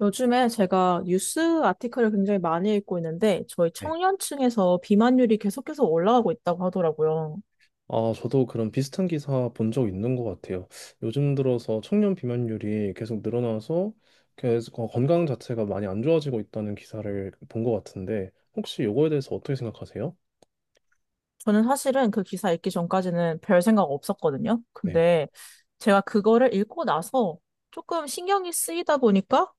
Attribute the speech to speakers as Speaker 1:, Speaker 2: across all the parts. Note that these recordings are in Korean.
Speaker 1: 요즘에 제가 뉴스 아티클을 굉장히 많이 읽고 있는데, 저희
Speaker 2: 네.
Speaker 1: 청년층에서 비만율이 계속해서 올라가고 있다고 하더라고요.
Speaker 2: 아, 저도 그런 비슷한 기사 본 적 있는 것 같아요. 요즘 들어서 청년 비만율이 계속 늘어나서 계속 건강 자체가 많이 안 좋아지고 있다는 기사를 본 것 같은데, 혹시 이거에 대해서 어떻게 생각하세요?
Speaker 1: 저는 사실은 그 기사 읽기 전까지는 별 생각 없었거든요.
Speaker 2: 네.
Speaker 1: 근데 제가 그거를 읽고 나서 조금 신경이 쓰이다 보니까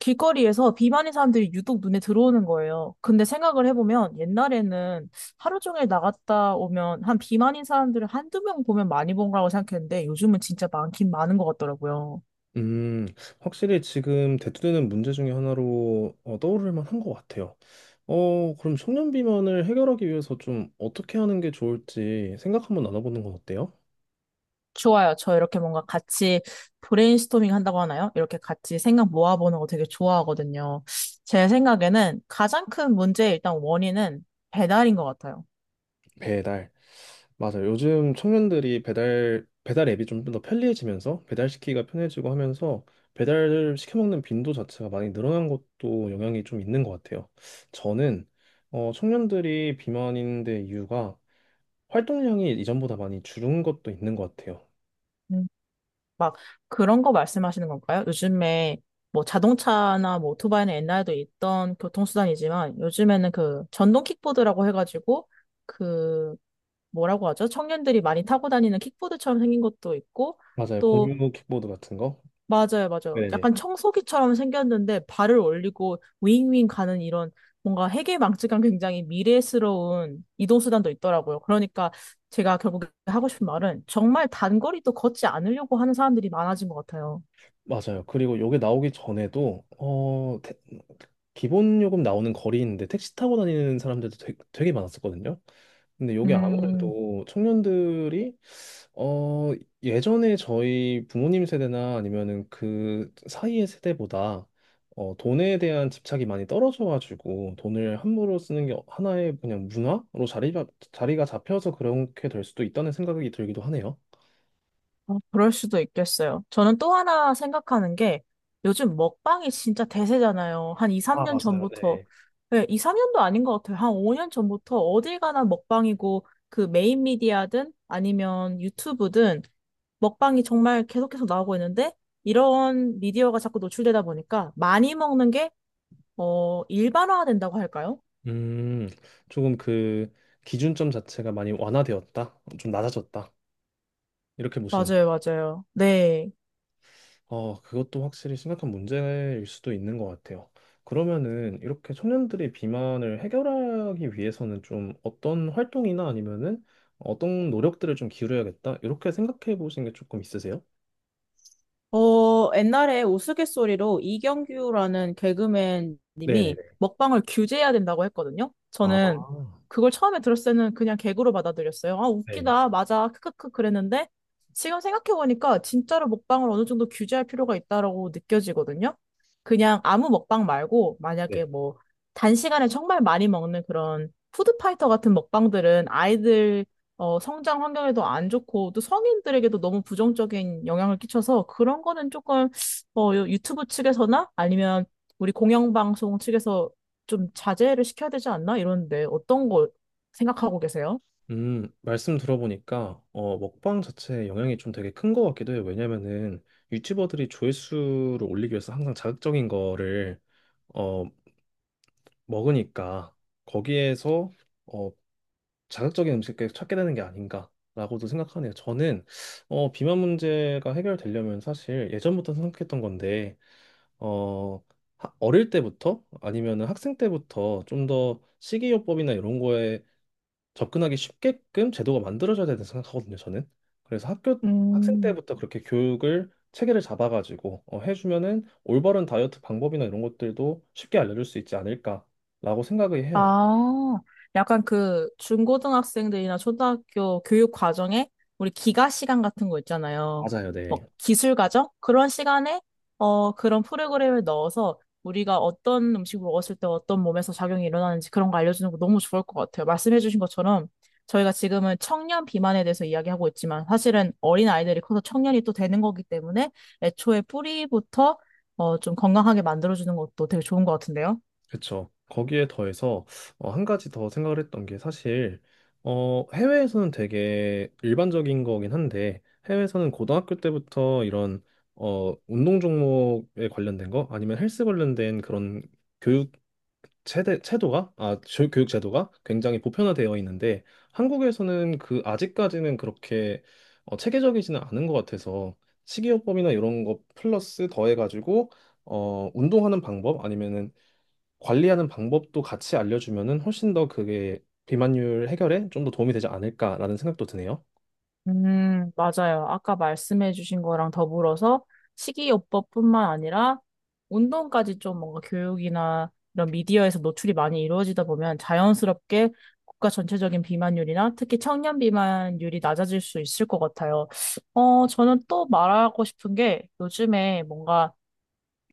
Speaker 1: 길거리에서 비만인 사람들이 유독 눈에 들어오는 거예요. 근데 생각을 해보면 옛날에는 하루 종일 나갔다 오면 한 비만인 사람들을 한두 명 보면 많이 본 거라고 생각했는데 요즘은 진짜 많긴 많은 것 같더라고요.
Speaker 2: 음, 확실히 지금 대두되는 문제 중에 하나로 떠오를 만한 것 같아요. 그럼 청년 비만을 해결하기 위해서 좀 어떻게 하는 게 좋을지 생각 한번 나눠보는 건 어때요?
Speaker 1: 좋아요. 저 이렇게 뭔가 같이 브레인스토밍 한다고 하나요? 이렇게 같이 생각 모아보는 거 되게 좋아하거든요. 제 생각에는 가장 큰 문제의 일단 원인은 배달인 것 같아요.
Speaker 2: 배달. 맞아요. 요즘 청년들이 배달 앱이 좀 더 편리해지면서 배달시키기가 편해지고 하면서 배달 시켜 먹는 빈도 자체가 많이 늘어난 것도 영향이 좀 있는 것 같아요. 저는 청년들이 비만인 데 이유가 활동량이 이전보다 많이 줄은 것도 있는 것 같아요.
Speaker 1: 음, 막 그런 거 말씀하시는 건가요? 요즘에 뭐 자동차나 뭐 오토바이는 옛날에도 있던 교통수단이지만 요즘에는 그 전동 킥보드라고 해가지고 그 뭐라고 하죠? 청년들이 많이 타고 다니는 킥보드처럼 생긴 것도 있고
Speaker 2: 맞아요. 공유 킥보드 같은 거.
Speaker 1: 맞아요, 맞아요.
Speaker 2: 네네.
Speaker 1: 약간 청소기처럼 생겼는데 발을 올리고 윙윙 가는 이런 뭔가 해괴망측한 굉장히 미래스러운 이동수단도 있더라고요. 그러니까 제가 결국에 하고 싶은 말은 정말 단거리도 걷지 않으려고 하는 사람들이 많아진 것 같아요.
Speaker 2: 맞아요. 그리고 요게 나오기 전에도 기본 요금 나오는 거리인데 택시 타고 다니는 사람들도 되게 많았었거든요. 근데 이게
Speaker 1: 음.
Speaker 2: 아무래도 청년들이 어, 예전에 저희 부모님 세대나 아니면은 그 사이의 세대보다 돈에 대한 집착이 많이 떨어져가지고 돈을 함부로 쓰는 게 하나의 그냥 문화로 자리가 잡혀서 그렇게 될 수도 있다는 생각이 들기도 하네요.
Speaker 1: 그럴 수도 있겠어요. 저는 또 하나 생각하는 게 요즘 먹방이 진짜 대세잖아요. 한 2,
Speaker 2: 아,
Speaker 1: 3년
Speaker 2: 맞아요.
Speaker 1: 전부터,
Speaker 2: 네.
Speaker 1: 네, 2, 3년도 아닌 것 같아요. 한 5년 전부터 어딜 가나 먹방이고 그 메인 미디어든 아니면 유튜브든 먹방이 정말 계속해서 나오고 있는데 이런 미디어가 자꾸 노출되다 보니까 많이 먹는 게, 일반화된다고 할까요?
Speaker 2: 음, 조금 그 기준점 자체가 많이 완화되었다, 좀 낮아졌다 이렇게 보시는.
Speaker 1: 맞아요, 맞아요. 네.
Speaker 2: 그것도 확실히 심각한 문제일 수도 있는 것 같아요. 그러면은 이렇게 청년들의 비만을 해결하기 위해서는 좀 어떤 활동이나 아니면은 어떤 노력들을 좀 기울여야겠다 이렇게 생각해 보신 게 조금 있으세요?
Speaker 1: 옛날에 우스갯소리로 이경규라는 개그맨 님이
Speaker 2: 네네네.
Speaker 1: 먹방을 규제해야 된다고 했거든요.
Speaker 2: 아,
Speaker 1: 저는 그걸 처음에 들었을 때는 그냥 개그로 받아들였어요. 아,
Speaker 2: 네,
Speaker 1: 웃기다. 맞아. 크크크 그랬는데 지금 생각해보니까 진짜로 먹방을 어느 정도 규제할 필요가 있다라고 느껴지거든요. 그냥 아무 먹방 말고 만약에
Speaker 2: 네.
Speaker 1: 뭐 단시간에 정말 많이 먹는 그런 푸드파이터 같은 먹방들은 성장 환경에도 안 좋고 또 성인들에게도 너무 부정적인 영향을 끼쳐서 그런 거는 조금 유튜브 측에서나 아니면 우리 공영방송 측에서 좀 자제를 시켜야 되지 않나 이런데 어떤 거 생각하고 계세요?
Speaker 2: 말씀 들어보니까, 먹방 자체에 영향이 좀 되게 큰 것 같기도 해요. 왜냐면은 유튜버들이 조회수를 올리기 위해서 항상 자극적인 거를, 어, 먹으니까, 거기에서, 어, 자극적인 음식을 찾게 되는 게 아닌가라고도 생각하네요. 저는 비만 문제가 해결되려면 사실 예전부터 생각했던 건데 어, 어릴 때부터 아니면 학생 때부터 좀 더 식이요법이나 이런 거에 접근하기 쉽게끔 제도가 만들어져야 된다고 생각하거든요. 저는 그래서 학교 학생
Speaker 1: 음.
Speaker 2: 때부터 그렇게 교육을 체계를 잡아가지고 해주면은 올바른 다이어트 방법이나 이런 것들도 쉽게 알려줄 수 있지 않을까라고 생각을 해요.
Speaker 1: 아, 약간 그 중고등학생들이나 초등학교 교육 과정에 우리 기가 시간 같은 거 있잖아요.
Speaker 2: 맞아요,
Speaker 1: 뭐
Speaker 2: 네.
Speaker 1: 기술 과정? 그런 시간에 그런 프로그램을 넣어서 우리가 어떤 음식을 먹었을 때 어떤 몸에서 작용이 일어나는지 그런 거 알려주는 거 너무 좋을 것 같아요. 말씀해주신 것처럼 저희가 지금은 청년 비만에 대해서 이야기하고 있지만 사실은 어린 아이들이 커서 청년이 또 되는 거기 때문에 애초에 뿌리부터 좀 건강하게 만들어주는 것도 되게 좋은 것 같은데요.
Speaker 2: 그쵸. 거기에 더해서 한 가지 더 생각을 했던 게 사실 해외에서는 되게 일반적인 거긴 한데 해외에서는 고등학교 때부터 이런 운동 종목에 관련된 거 아니면 헬스 관련된 그런 교육 체대, 체도가 아, 조- 교육 제도가 굉장히 보편화되어 있는데 한국에서는 그 아직까지는 그렇게 체계적이지는 않은 것 같아서 식이요법이나 이런 거 플러스 더해가지고 운동하는 방법 아니면은 관리하는 방법도 같이 알려주면은 훨씬 더 그게 비만율 해결에 좀 더 도움이 되지 않을까라는 생각도 드네요.
Speaker 1: 맞아요. 아까 말씀해 주신 거랑 더불어서 식이요법뿐만 아니라 운동까지 좀 뭔가 교육이나 이런 미디어에서 노출이 많이 이루어지다 보면 자연스럽게 국가 전체적인 비만율이나 특히 청년 비만율이 낮아질 수 있을 것 같아요. 저는 또 말하고 싶은 게 요즘에 뭔가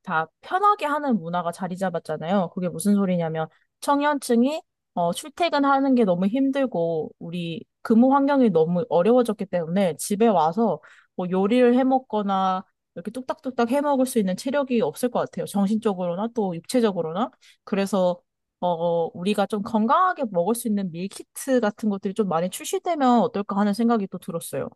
Speaker 1: 다 편하게 하는 문화가 자리 잡았잖아요. 그게 무슨 소리냐면 청년층이 출퇴근하는 게 너무 힘들고 우리 근무 환경이 너무 어려워졌기 때문에 집에 와서 뭐 요리를 해 먹거나 이렇게 뚝딱뚝딱 해 먹을 수 있는 체력이 없을 것 같아요. 정신적으로나 또 육체적으로나. 그래서 우리가 좀 건강하게 먹을 수 있는 밀키트 같은 것들이 좀 많이 출시되면 어떨까 하는 생각이 또 들었어요.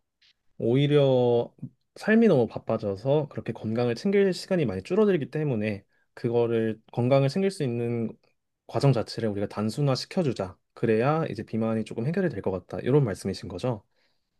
Speaker 2: 오히려 삶이 너무 바빠져서 그렇게 건강을 챙길 시간이 많이 줄어들기 때문에 그거를 건강을 챙길 수 있는 과정 자체를 우리가 단순화 시켜주자. 그래야 이제 비만이 조금 해결이 될 것 같다. 이런 말씀이신 거죠?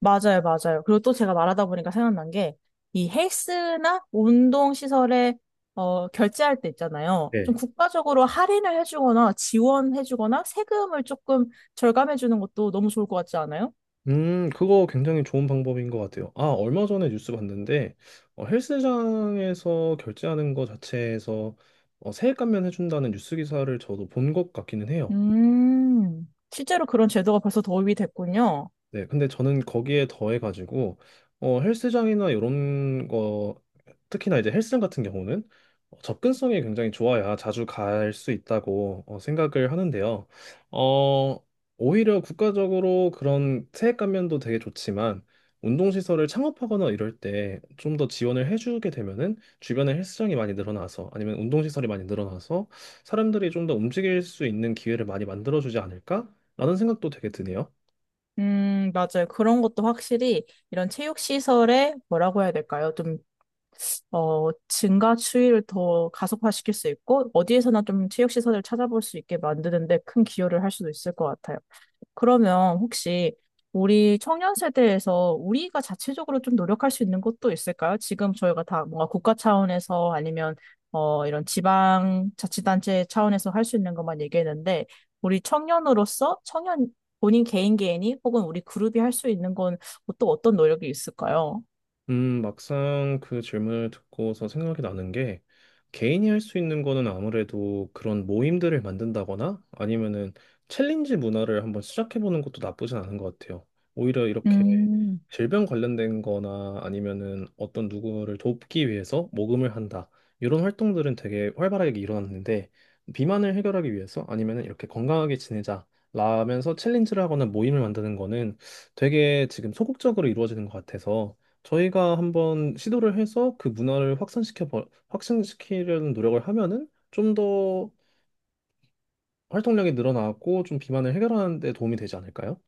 Speaker 1: 맞아요, 맞아요. 그리고 또 제가 말하다 보니까 생각난 게, 이 헬스나 운동 시설에 결제할 때 있잖아요. 좀
Speaker 2: 네.
Speaker 1: 국가적으로 할인을 해주거나 지원해주거나 세금을 조금 절감해주는 것도 너무 좋을 것 같지 않아요?
Speaker 2: 그거 굉장히 좋은 방법인 것 같아요. 아, 얼마 전에 뉴스 봤는데, 헬스장에서 결제하는 거 자체에서 세액 감면해준다는 뉴스 기사를 저도 본 것 같기는 해요.
Speaker 1: 실제로 그런 제도가 벌써 도입이 됐군요.
Speaker 2: 네, 근데 저는 거기에 더해가지고, 헬스장이나 이런 거, 특히나 이제 헬스장 같은 경우는 접근성이 굉장히 좋아야 자주 갈 수 있다고 생각을 하는데요. 어, 오히려 국가적으로 그런 세액 감면도 되게 좋지만, 운동시설을 창업하거나 이럴 때 좀 더 지원을 해주게 되면은 주변에 헬스장이 많이 늘어나서 아니면 운동시설이 많이 늘어나서 사람들이 좀 더 움직일 수 있는 기회를 많이 만들어주지 않을까라는 생각도 되게 드네요.
Speaker 1: 맞아요. 그런 것도 확실히 이런 체육시설에 뭐라고 해야 될까요? 좀 증가 추이를 더 가속화시킬 수 있고, 어디에서나 좀 체육시설을 찾아볼 수 있게 만드는데 큰 기여를 할 수도 있을 것 같아요. 그러면 혹시 우리 청년 세대에서 우리가 자체적으로 좀 노력할 수 있는 것도 있을까요? 지금 저희가 다 뭔가 국가 차원에서 아니면 이런 지방 자치단체 차원에서 할 수 있는 것만 얘기했는데, 우리 청년으로서 청년 본인 개인 개인이 혹은 우리 그룹이 할 수 있는 건 또 어떤 노력이 있을까요?
Speaker 2: 막상 그 질문을 듣고서 생각이 나는 게 개인이 할 수 있는 거는 아무래도 그런 모임들을 만든다거나 아니면은 챌린지 문화를 한번 시작해 보는 것도 나쁘진 않은 것 같아요. 오히려 이렇게
Speaker 1: 음.
Speaker 2: 질병 관련된 거나 아니면은 어떤 누구를 돕기 위해서 모금을 한다. 이런 활동들은 되게 활발하게 일어났는데 비만을 해결하기 위해서 아니면은 이렇게 건강하게 지내자. 라면서 챌린지를 하거나 모임을 만드는 거는 되게 지금 소극적으로 이루어지는 것 같아서 저희가 한번 시도를 해서 그 문화를 확산시키려는 노력을 하면은 좀 더 활동량이 늘어나고 좀 비만을 해결하는 데 도움이 되지 않을까요?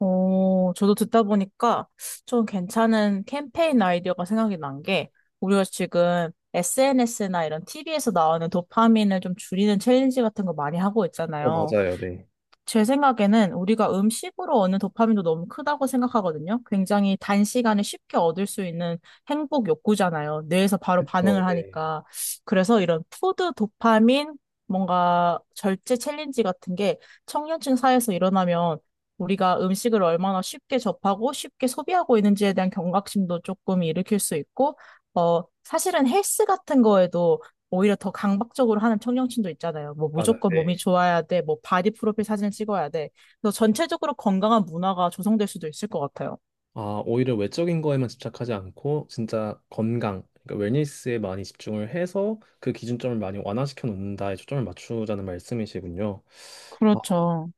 Speaker 1: 저도 듣다 보니까 좀 괜찮은 캠페인 아이디어가 생각이 난 게, 우리가 지금 SNS나 이런 TV에서 나오는 도파민을 좀 줄이는 챌린지 같은 거 많이 하고
Speaker 2: 어,
Speaker 1: 있잖아요.
Speaker 2: 맞아요. 네.
Speaker 1: 제 생각에는 우리가 음식으로 얻는 도파민도 너무 크다고 생각하거든요. 굉장히 단시간에 쉽게 얻을 수 있는 행복 욕구잖아요. 뇌에서 바로
Speaker 2: 그쵸.
Speaker 1: 반응을
Speaker 2: 네.
Speaker 1: 하니까. 그래서 이런 푸드 도파민, 뭔가 절제 챌린지 같은 게 청년층 사회에서 일어나면 우리가 음식을 얼마나 쉽게 접하고 쉽게 소비하고 있는지에 대한 경각심도 조금 일으킬 수 있고, 사실은 헬스 같은 거에도 오히려 더 강박적으로 하는 청년층도 있잖아요. 뭐
Speaker 2: 맞아요.
Speaker 1: 무조건 몸이
Speaker 2: 네.
Speaker 1: 좋아야 돼, 뭐 바디 프로필 사진을 찍어야 돼. 그래서 전체적으로 건강한 문화가 조성될 수도 있을 것 같아요.
Speaker 2: 아, 오히려 외적인 거에만 집착하지 않고 진짜 건강, 그러니까 웰니스에 많이 집중을 해서 그 기준점을 많이 완화시켜 놓는다에 초점을 맞추자는 말씀이시군요.
Speaker 1: 그렇죠.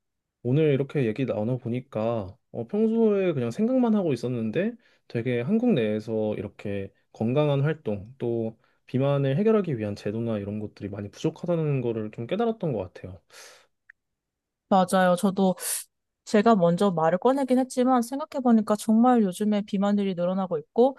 Speaker 2: 오늘 이렇게 얘기 나눠보니까 평소에 그냥 생각만 하고 있었는데 되게 한국 내에서 이렇게 건강한 활동 또 비만을 해결하기 위한 제도나 이런 것들이 많이 부족하다는 거를 좀 깨달았던 것 같아요.
Speaker 1: 맞아요. 저도 제가 먼저 말을 꺼내긴 했지만 생각해보니까 정말 요즘에 비만들이 늘어나고 있고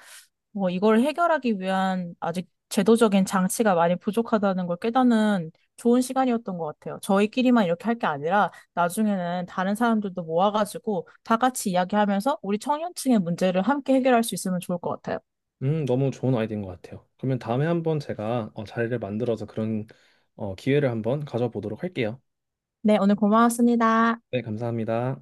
Speaker 1: 뭐 이걸 해결하기 위한 아직 제도적인 장치가 많이 부족하다는 걸 깨닫는 좋은 시간이었던 것 같아요. 저희끼리만 이렇게 할 게 아니라 나중에는 다른 사람들도 모아가지고 다 같이 이야기하면서 우리 청년층의 문제를 함께 해결할 수 있으면 좋을 것 같아요.
Speaker 2: 너무 좋은 아이디어인 것 같아요. 그러면 다음에 한번 제가 자리를 만들어서 그런 기회를 한번 가져보도록 할게요.
Speaker 1: 네, 오늘 고마웠습니다.
Speaker 2: 네, 감사합니다.